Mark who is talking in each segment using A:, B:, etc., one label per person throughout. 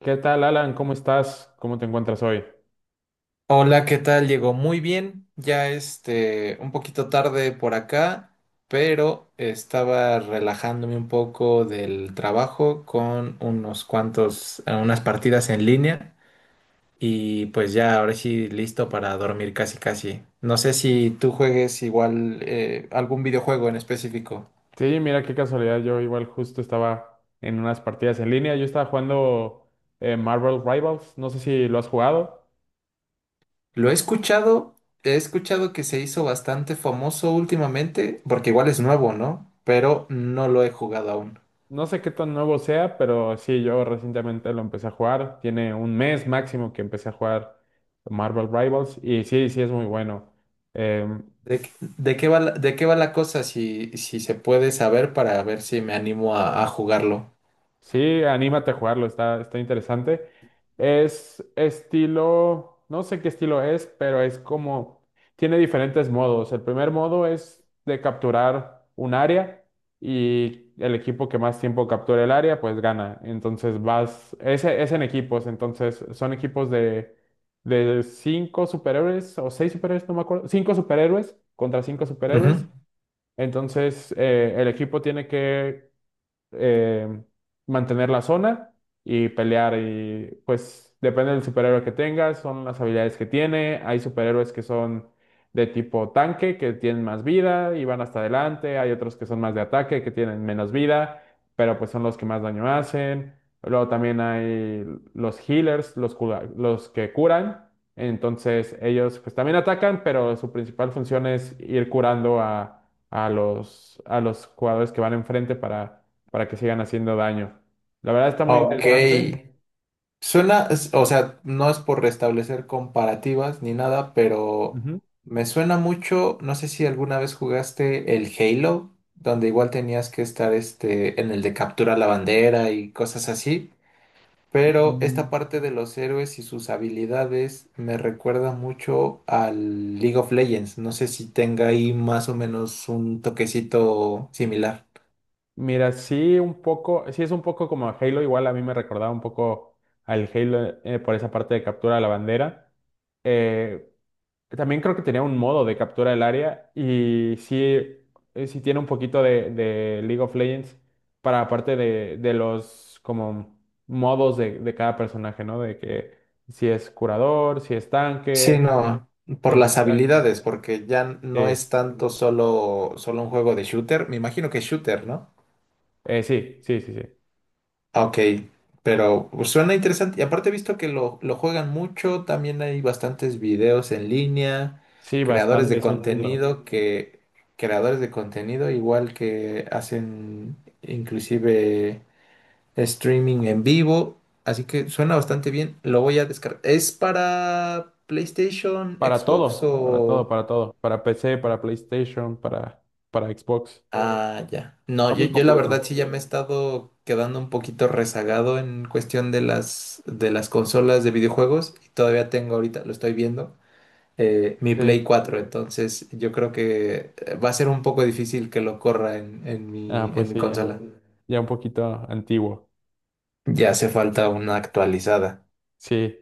A: ¿Qué tal, Alan? ¿Cómo estás? ¿Cómo te encuentras hoy?
B: Hola, ¿qué tal? Llegó muy bien, ya un poquito tarde por acá, pero estaba relajándome un poco del trabajo con unas partidas en línea y pues ya ahora sí listo para dormir casi casi. No sé si tú juegues igual algún videojuego en específico.
A: Sí, mira qué casualidad. Yo igual justo estaba en unas partidas en línea. Yo estaba jugando Marvel Rivals. No sé si lo has jugado.
B: Lo he escuchado, he escuchado que se hizo bastante famoso últimamente, porque igual es nuevo, ¿no? Pero no lo he jugado aún.
A: No sé qué tan nuevo sea, pero sí, yo recientemente lo empecé a jugar. Tiene un mes máximo que empecé a jugar Marvel Rivals. Y sí, sí, es muy bueno. Em,
B: ¿De qué va la cosa? Si se puede saber para ver si me animo a jugarlo.
A: Sí, anímate a jugarlo, está interesante. Es estilo, no sé qué estilo es, pero tiene diferentes modos. El primer modo es de capturar un área y el equipo que más tiempo capture el área, pues gana. Entonces es en equipos, entonces son equipos de cinco superhéroes o seis superhéroes, no me acuerdo, cinco superhéroes contra cinco
B: Ujú.
A: superhéroes. Entonces el equipo tiene que eh, mantener la zona y pelear. Y pues depende del superhéroe que tengas, son las habilidades que tiene. Hay superhéroes que son de tipo tanque, que tienen más vida y van hasta adelante. Hay otros que son más de ataque, que tienen menos vida, pero pues son los que más daño hacen. Luego también hay los healers, los que curan. Entonces ellos pues también atacan, pero su principal función es ir curando a a los jugadores que van enfrente para que sigan haciendo daño. La verdad está muy
B: Ok.
A: interesante.
B: Suena, o sea, no es por restablecer comparativas ni nada, pero
A: Ujú.
B: me suena mucho, no sé si alguna vez jugaste el Halo, donde igual tenías que estar en el de captura la bandera y cosas así. Pero esta
A: Mm,
B: parte de los héroes y sus habilidades me recuerda mucho al League of Legends. No sé si tenga ahí más o menos un toquecito similar.
A: Mira, sí, un poco, sí es un poco como Halo, igual a mí me recordaba un poco al Halo por esa parte de captura de la bandera. Eh, también creo que tenía un modo de captura del área y sí, sí tiene un poquito de League of Legends para la parte de los como modos de cada personaje, ¿no? De que si es curador, si es
B: Sí,
A: tanque,
B: no,
A: si
B: por
A: es de
B: las
A: ataque.
B: habilidades, porque ya no
A: Sí.
B: es tanto solo un juego de shooter. Me imagino que es shooter, ¿no?
A: Sí.
B: Ah, ok, pero pues, suena interesante. Y aparte he visto que lo juegan mucho, también hay bastantes videos en línea,
A: Sí,
B: creadores
A: bastante,
B: de
A: es un mundo.
B: contenido que, creadores de contenido igual que hacen inclusive streaming en vivo, así que suena bastante bien. Lo voy a descargar. ¿Es para PlayStation,
A: Para
B: Xbox
A: todo, para todo,
B: o...?
A: para todo. Para PC, para PlayStation, para Xbox.
B: Ah, ya. No,
A: Está
B: yo,
A: muy
B: yo la
A: completo.
B: verdad sí ya me he estado quedando un poquito rezagado en cuestión de las consolas de videojuegos y todavía tengo ahorita, lo estoy viendo, mi
A: Sí.
B: Play 4, entonces yo creo que va a ser un poco difícil que lo corra en, en mi,
A: Ah,
B: en
A: pues
B: mi
A: sí, ya.
B: consola.
A: Ya un poquito antiguo.
B: Ya hace falta una actualizada.
A: Sí.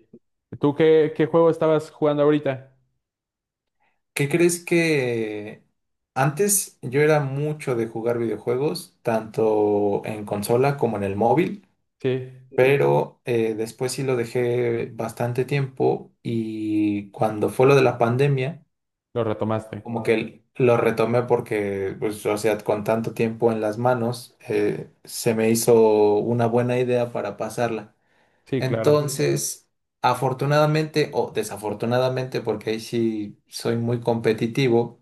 A: ¿ Qué juego estabas jugando ahorita?
B: ¿Qué crees que antes yo era mucho de jugar videojuegos, tanto en consola como en el móvil?
A: Sí,
B: Pero después sí lo dejé bastante tiempo y cuando fue lo de la pandemia,
A: lo retomaste.
B: como que lo retomé porque, pues, o sea, con tanto tiempo en las manos, se me hizo una buena idea para pasarla.
A: Sí, claro.
B: Entonces, afortunadamente o desafortunadamente, porque ahí sí soy muy competitivo,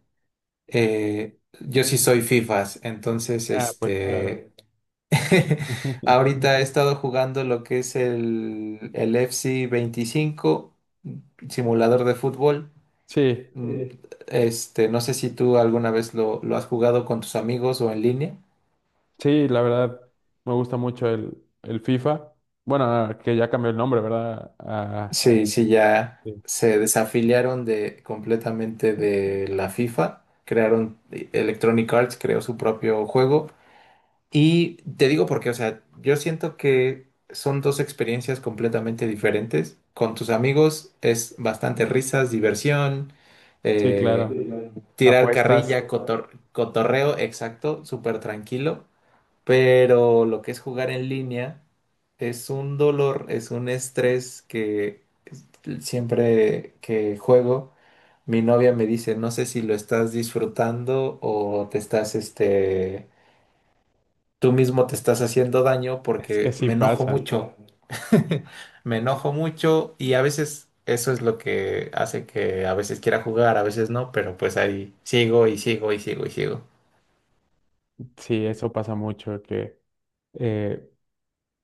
B: yo sí soy FIFAs, entonces,
A: Ah, pues claro.
B: este... Ahorita he estado jugando lo que es el FC 25, simulador de fútbol.
A: Sí,
B: Mm, no sé si tú alguna vez lo has jugado con tus amigos o en línea.
A: sí, la verdad, me gusta mucho el FIFA. Bueno, ah, que ya cambió el nombre, ¿verdad? Ah,
B: Sí, sí, ya
A: sí,
B: se desafiliaron de completamente de la FIFA. Crearon Electronic Arts, creó su propio juego. Y te digo porque, o sea, yo siento que son dos experiencias completamente diferentes. Con tus amigos es bastante risas, diversión,
A: sí, claro.
B: tirar
A: Apuestas.
B: carrilla, cotorreo, exacto, súper tranquilo. Pero lo que es jugar en línea es un dolor, es un estrés que siempre que juego, mi novia me dice, no sé si lo estás disfrutando o te estás, tú mismo te estás haciendo daño
A: Es que
B: porque
A: sí
B: me enojo
A: pasa,
B: mucho. Me enojo mucho y a veces eso es lo que hace que a veces quiera jugar, a veces no, pero pues ahí sigo y sigo y sigo y sigo.
A: sí, eso pasa mucho, eh,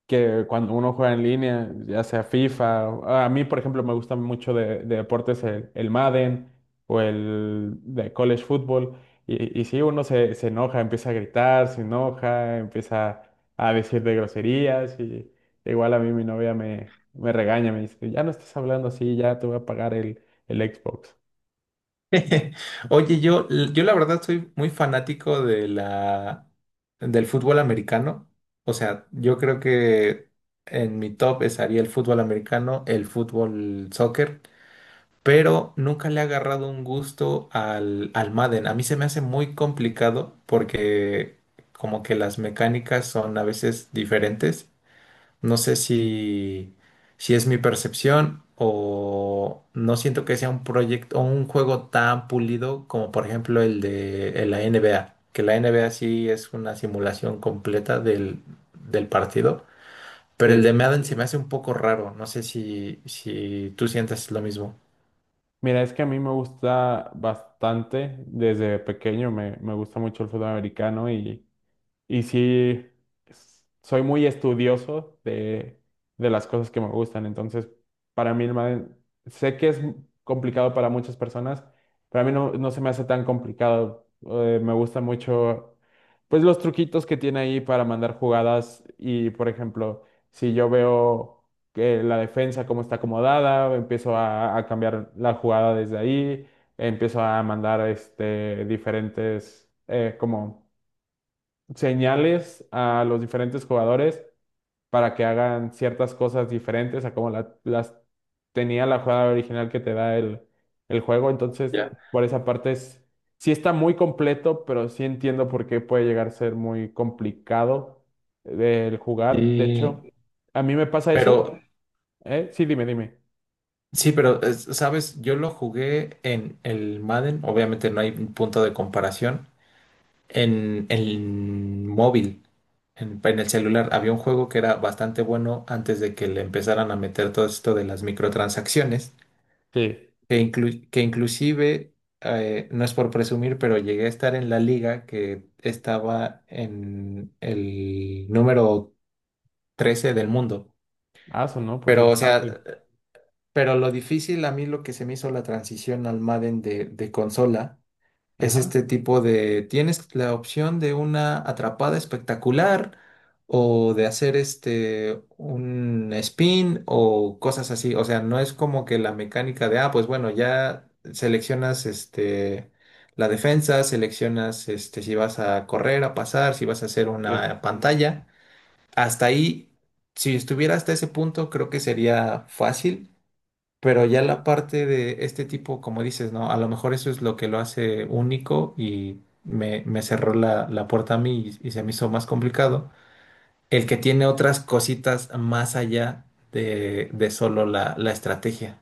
A: que cuando uno juega en línea, ya sea FIFA, o- a mí por ejemplo me gusta mucho de deportes el Madden o el de college football, y sí, se enoja, empieza a gritar, se enoja, empieza a decir de groserías, y igual a mí mi novia me regaña, me dice, ya no estás hablando así, ya te voy a pagar el Xbox.
B: Oye, yo la verdad soy muy fanático de del fútbol americano. O sea, yo creo que en mi top estaría el fútbol americano, el fútbol soccer. Pero nunca le he agarrado un gusto al Madden. A mí se me hace muy complicado porque como que las mecánicas son a veces diferentes. No sé si es mi percepción o no siento que sea un proyecto o un juego tan pulido como por ejemplo el de el la NBA, que la NBA sí es una simulación completa del partido. Pero el
A: Sí.
B: de Madden se me hace un poco raro. No sé si tú sientes lo mismo.
A: Mira, es que a mí me gusta bastante, desde pequeño me gusta mucho el fútbol americano y sí, s- soy muy estudioso de las cosas que me gustan. Entonces, para mí, el ma- sé que es complicado para muchas personas, pero a mí no, no se me hace tan complicado. Me gusta mucho, pues, los truquitos que tiene ahí para mandar jugadas. Y, por ejemplo, si yo veo que la defensa cómo está acomodada, empiezo a cambiar la jugada desde ahí, empiezo a mandar este, diferentes, como señales a los diferentes jugadores para que hagan ciertas cosas diferentes a como la- las tenía la jugada original que te da el juego. Entonces, por esa parte es, sí está muy completo, pero sí entiendo por qué puede llegar a ser muy complicado del jugar. De hecho,
B: Y,
A: a mí me pasa eso,
B: pero
A: ¿eh? Sí, dime, dime.
B: sí, sabes, yo lo jugué en el Madden, obviamente no hay un punto de comparación, en el móvil, en el celular. Había un juego que era bastante bueno antes de que le empezaran a meter todo esto de las microtransacciones,
A: Sí.
B: que inclusive, no es por presumir, pero llegué a estar en la liga que estaba en el número 13 del mundo.
A: Ah, eso no, pues
B: Pero, o sea,
A: bastante.
B: Lo difícil a mí lo que se me hizo la transición al Madden de consola es
A: Ajá.
B: este tipo de, tienes la opción de una atrapada espectacular o de hacer un spin o cosas así. O sea, no es como que la mecánica de, pues bueno, ya seleccionas la defensa, seleccionas si vas a correr, a pasar, si vas a hacer
A: Sí.
B: una pantalla. Hasta ahí, si estuviera hasta ese punto, creo que sería fácil, pero ya
A: Ok.
B: la parte de este tipo, como dices, ¿no? A lo mejor eso es lo que lo hace único y me cerró la puerta a mí y se me hizo más complicado. El que tiene otras cositas más allá de solo la estrategia.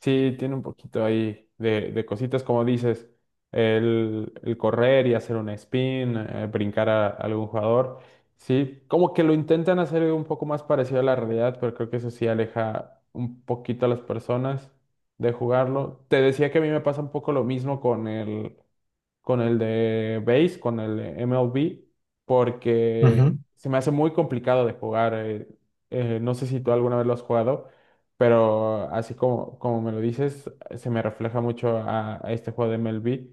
A: Sí, tiene un poquito ahí de cositas, como dices, el correr y hacer un spin, brincar a algún jugador. Sí, como que lo intentan hacer un poco más parecido a la realidad, pero creo que eso sí aleja un poquito a las personas de jugarlo. Te decía que a mí me pasa un poco lo mismo con con el de Base, con el de MLB, porque
B: Ujú.
A: se me hace muy complicado de jugar. No sé si tú alguna vez lo has jugado, pero así como, como me lo dices, se me refleja mucho a este juego de MLB.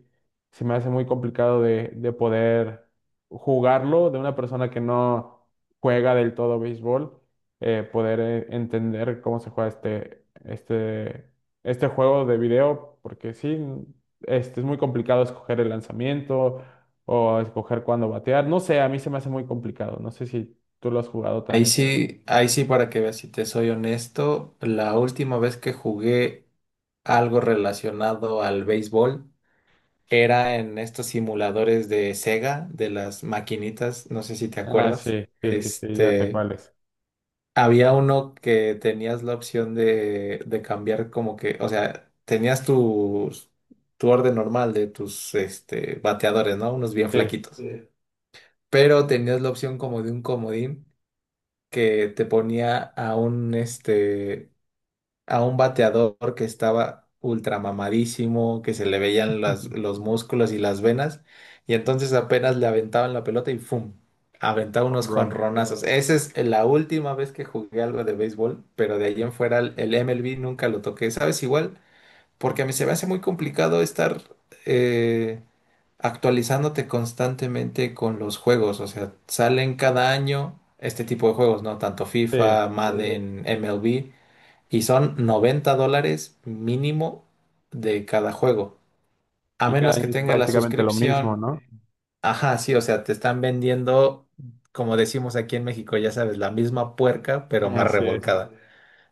A: Se me hace muy complicado de poder jugarlo de una persona que no juega del todo béisbol, poder entender cómo se juega este juego de video, porque sí este, es muy complicado escoger el lanzamiento o escoger cuándo batear. No sé, a mí se me hace muy complicado. No sé si tú lo has jugado también.
B: Ahí sí, para que veas, si te soy honesto, la última vez que jugué algo relacionado al béisbol era en estos simuladores de Sega, de las maquinitas, no sé si te
A: Ah,
B: acuerdas.
A: sí, sí, sí, sí, ya sé
B: Este.
A: cuál es.
B: Había uno que tenías la opción de cambiar como que, o sea, tenías tu orden normal de tus bateadores, ¿no? Unos bien
A: Sí,
B: flaquitos. Sí. Pero tenías la opción como de un comodín que te ponía a un bateador que estaba ultra mamadísimo, que se le veían
A: home
B: los músculos y las venas, y entonces apenas le aventaban la pelota y ¡fum! Aventaba unos
A: run.
B: jonronazos. No. Esa es la última vez que jugué algo de béisbol, pero de ahí en fuera el MLB nunca lo toqué, ¿sabes? Igual, porque a mí se me hace muy complicado estar eh, actualizándote constantemente con los juegos, o sea, salen cada año este tipo de juegos, ¿no? Tanto
A: Sí,
B: FIFA, sí, Madden, MLB. Y son $90 mínimo de cada juego. A
A: y cada
B: menos que
A: año es
B: tenga la
A: prácticamente lo mismo,
B: suscripción.
A: ¿no?
B: Ajá, sí, o sea, te están vendiendo, como decimos aquí en México, ya sabes, la misma puerca, pero más
A: Así es.
B: revolcada.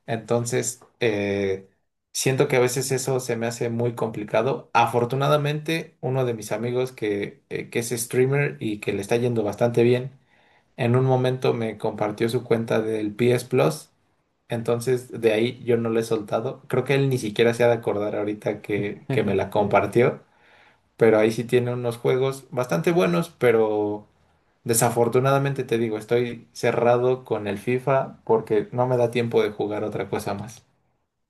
B: Entonces, siento que a veces eso se me hace muy complicado. Afortunadamente, uno de mis amigos que es streamer y que le está yendo bastante bien, en un momento me compartió su cuenta del PS Plus. Entonces, de ahí yo no la he soltado. Creo que él ni siquiera se ha de acordar ahorita que me la compartió. Pero ahí sí tiene unos juegos bastante buenos, pero desafortunadamente te digo, estoy cerrado con el FIFA porque no me da tiempo de jugar otra cosa más.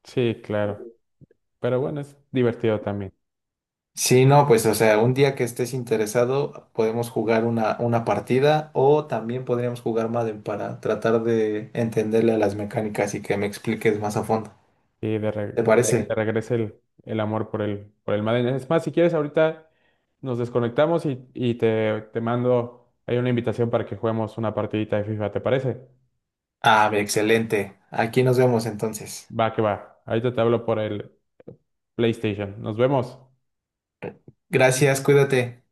A: Sí, claro. Pero bueno, es divertido también.
B: Sí, no, pues o sea, un día que estés interesado podemos jugar una partida o también podríamos jugar Madden para tratar de entenderle a las mecánicas y que me expliques más a fondo.
A: Y de,
B: ¿Te
A: re- de que te
B: parece?
A: regrese el amor por el Madden. Es más, si quieres, ahorita nos desconectamos y te mando, hay una invitación para que juguemos una partidita de FIFA, ¿te parece?
B: Ah, excelente. Aquí nos vemos entonces.
A: Va que va. Ahorita te hablo por el PlayStation. Nos vemos.
B: Gracias, cuídate.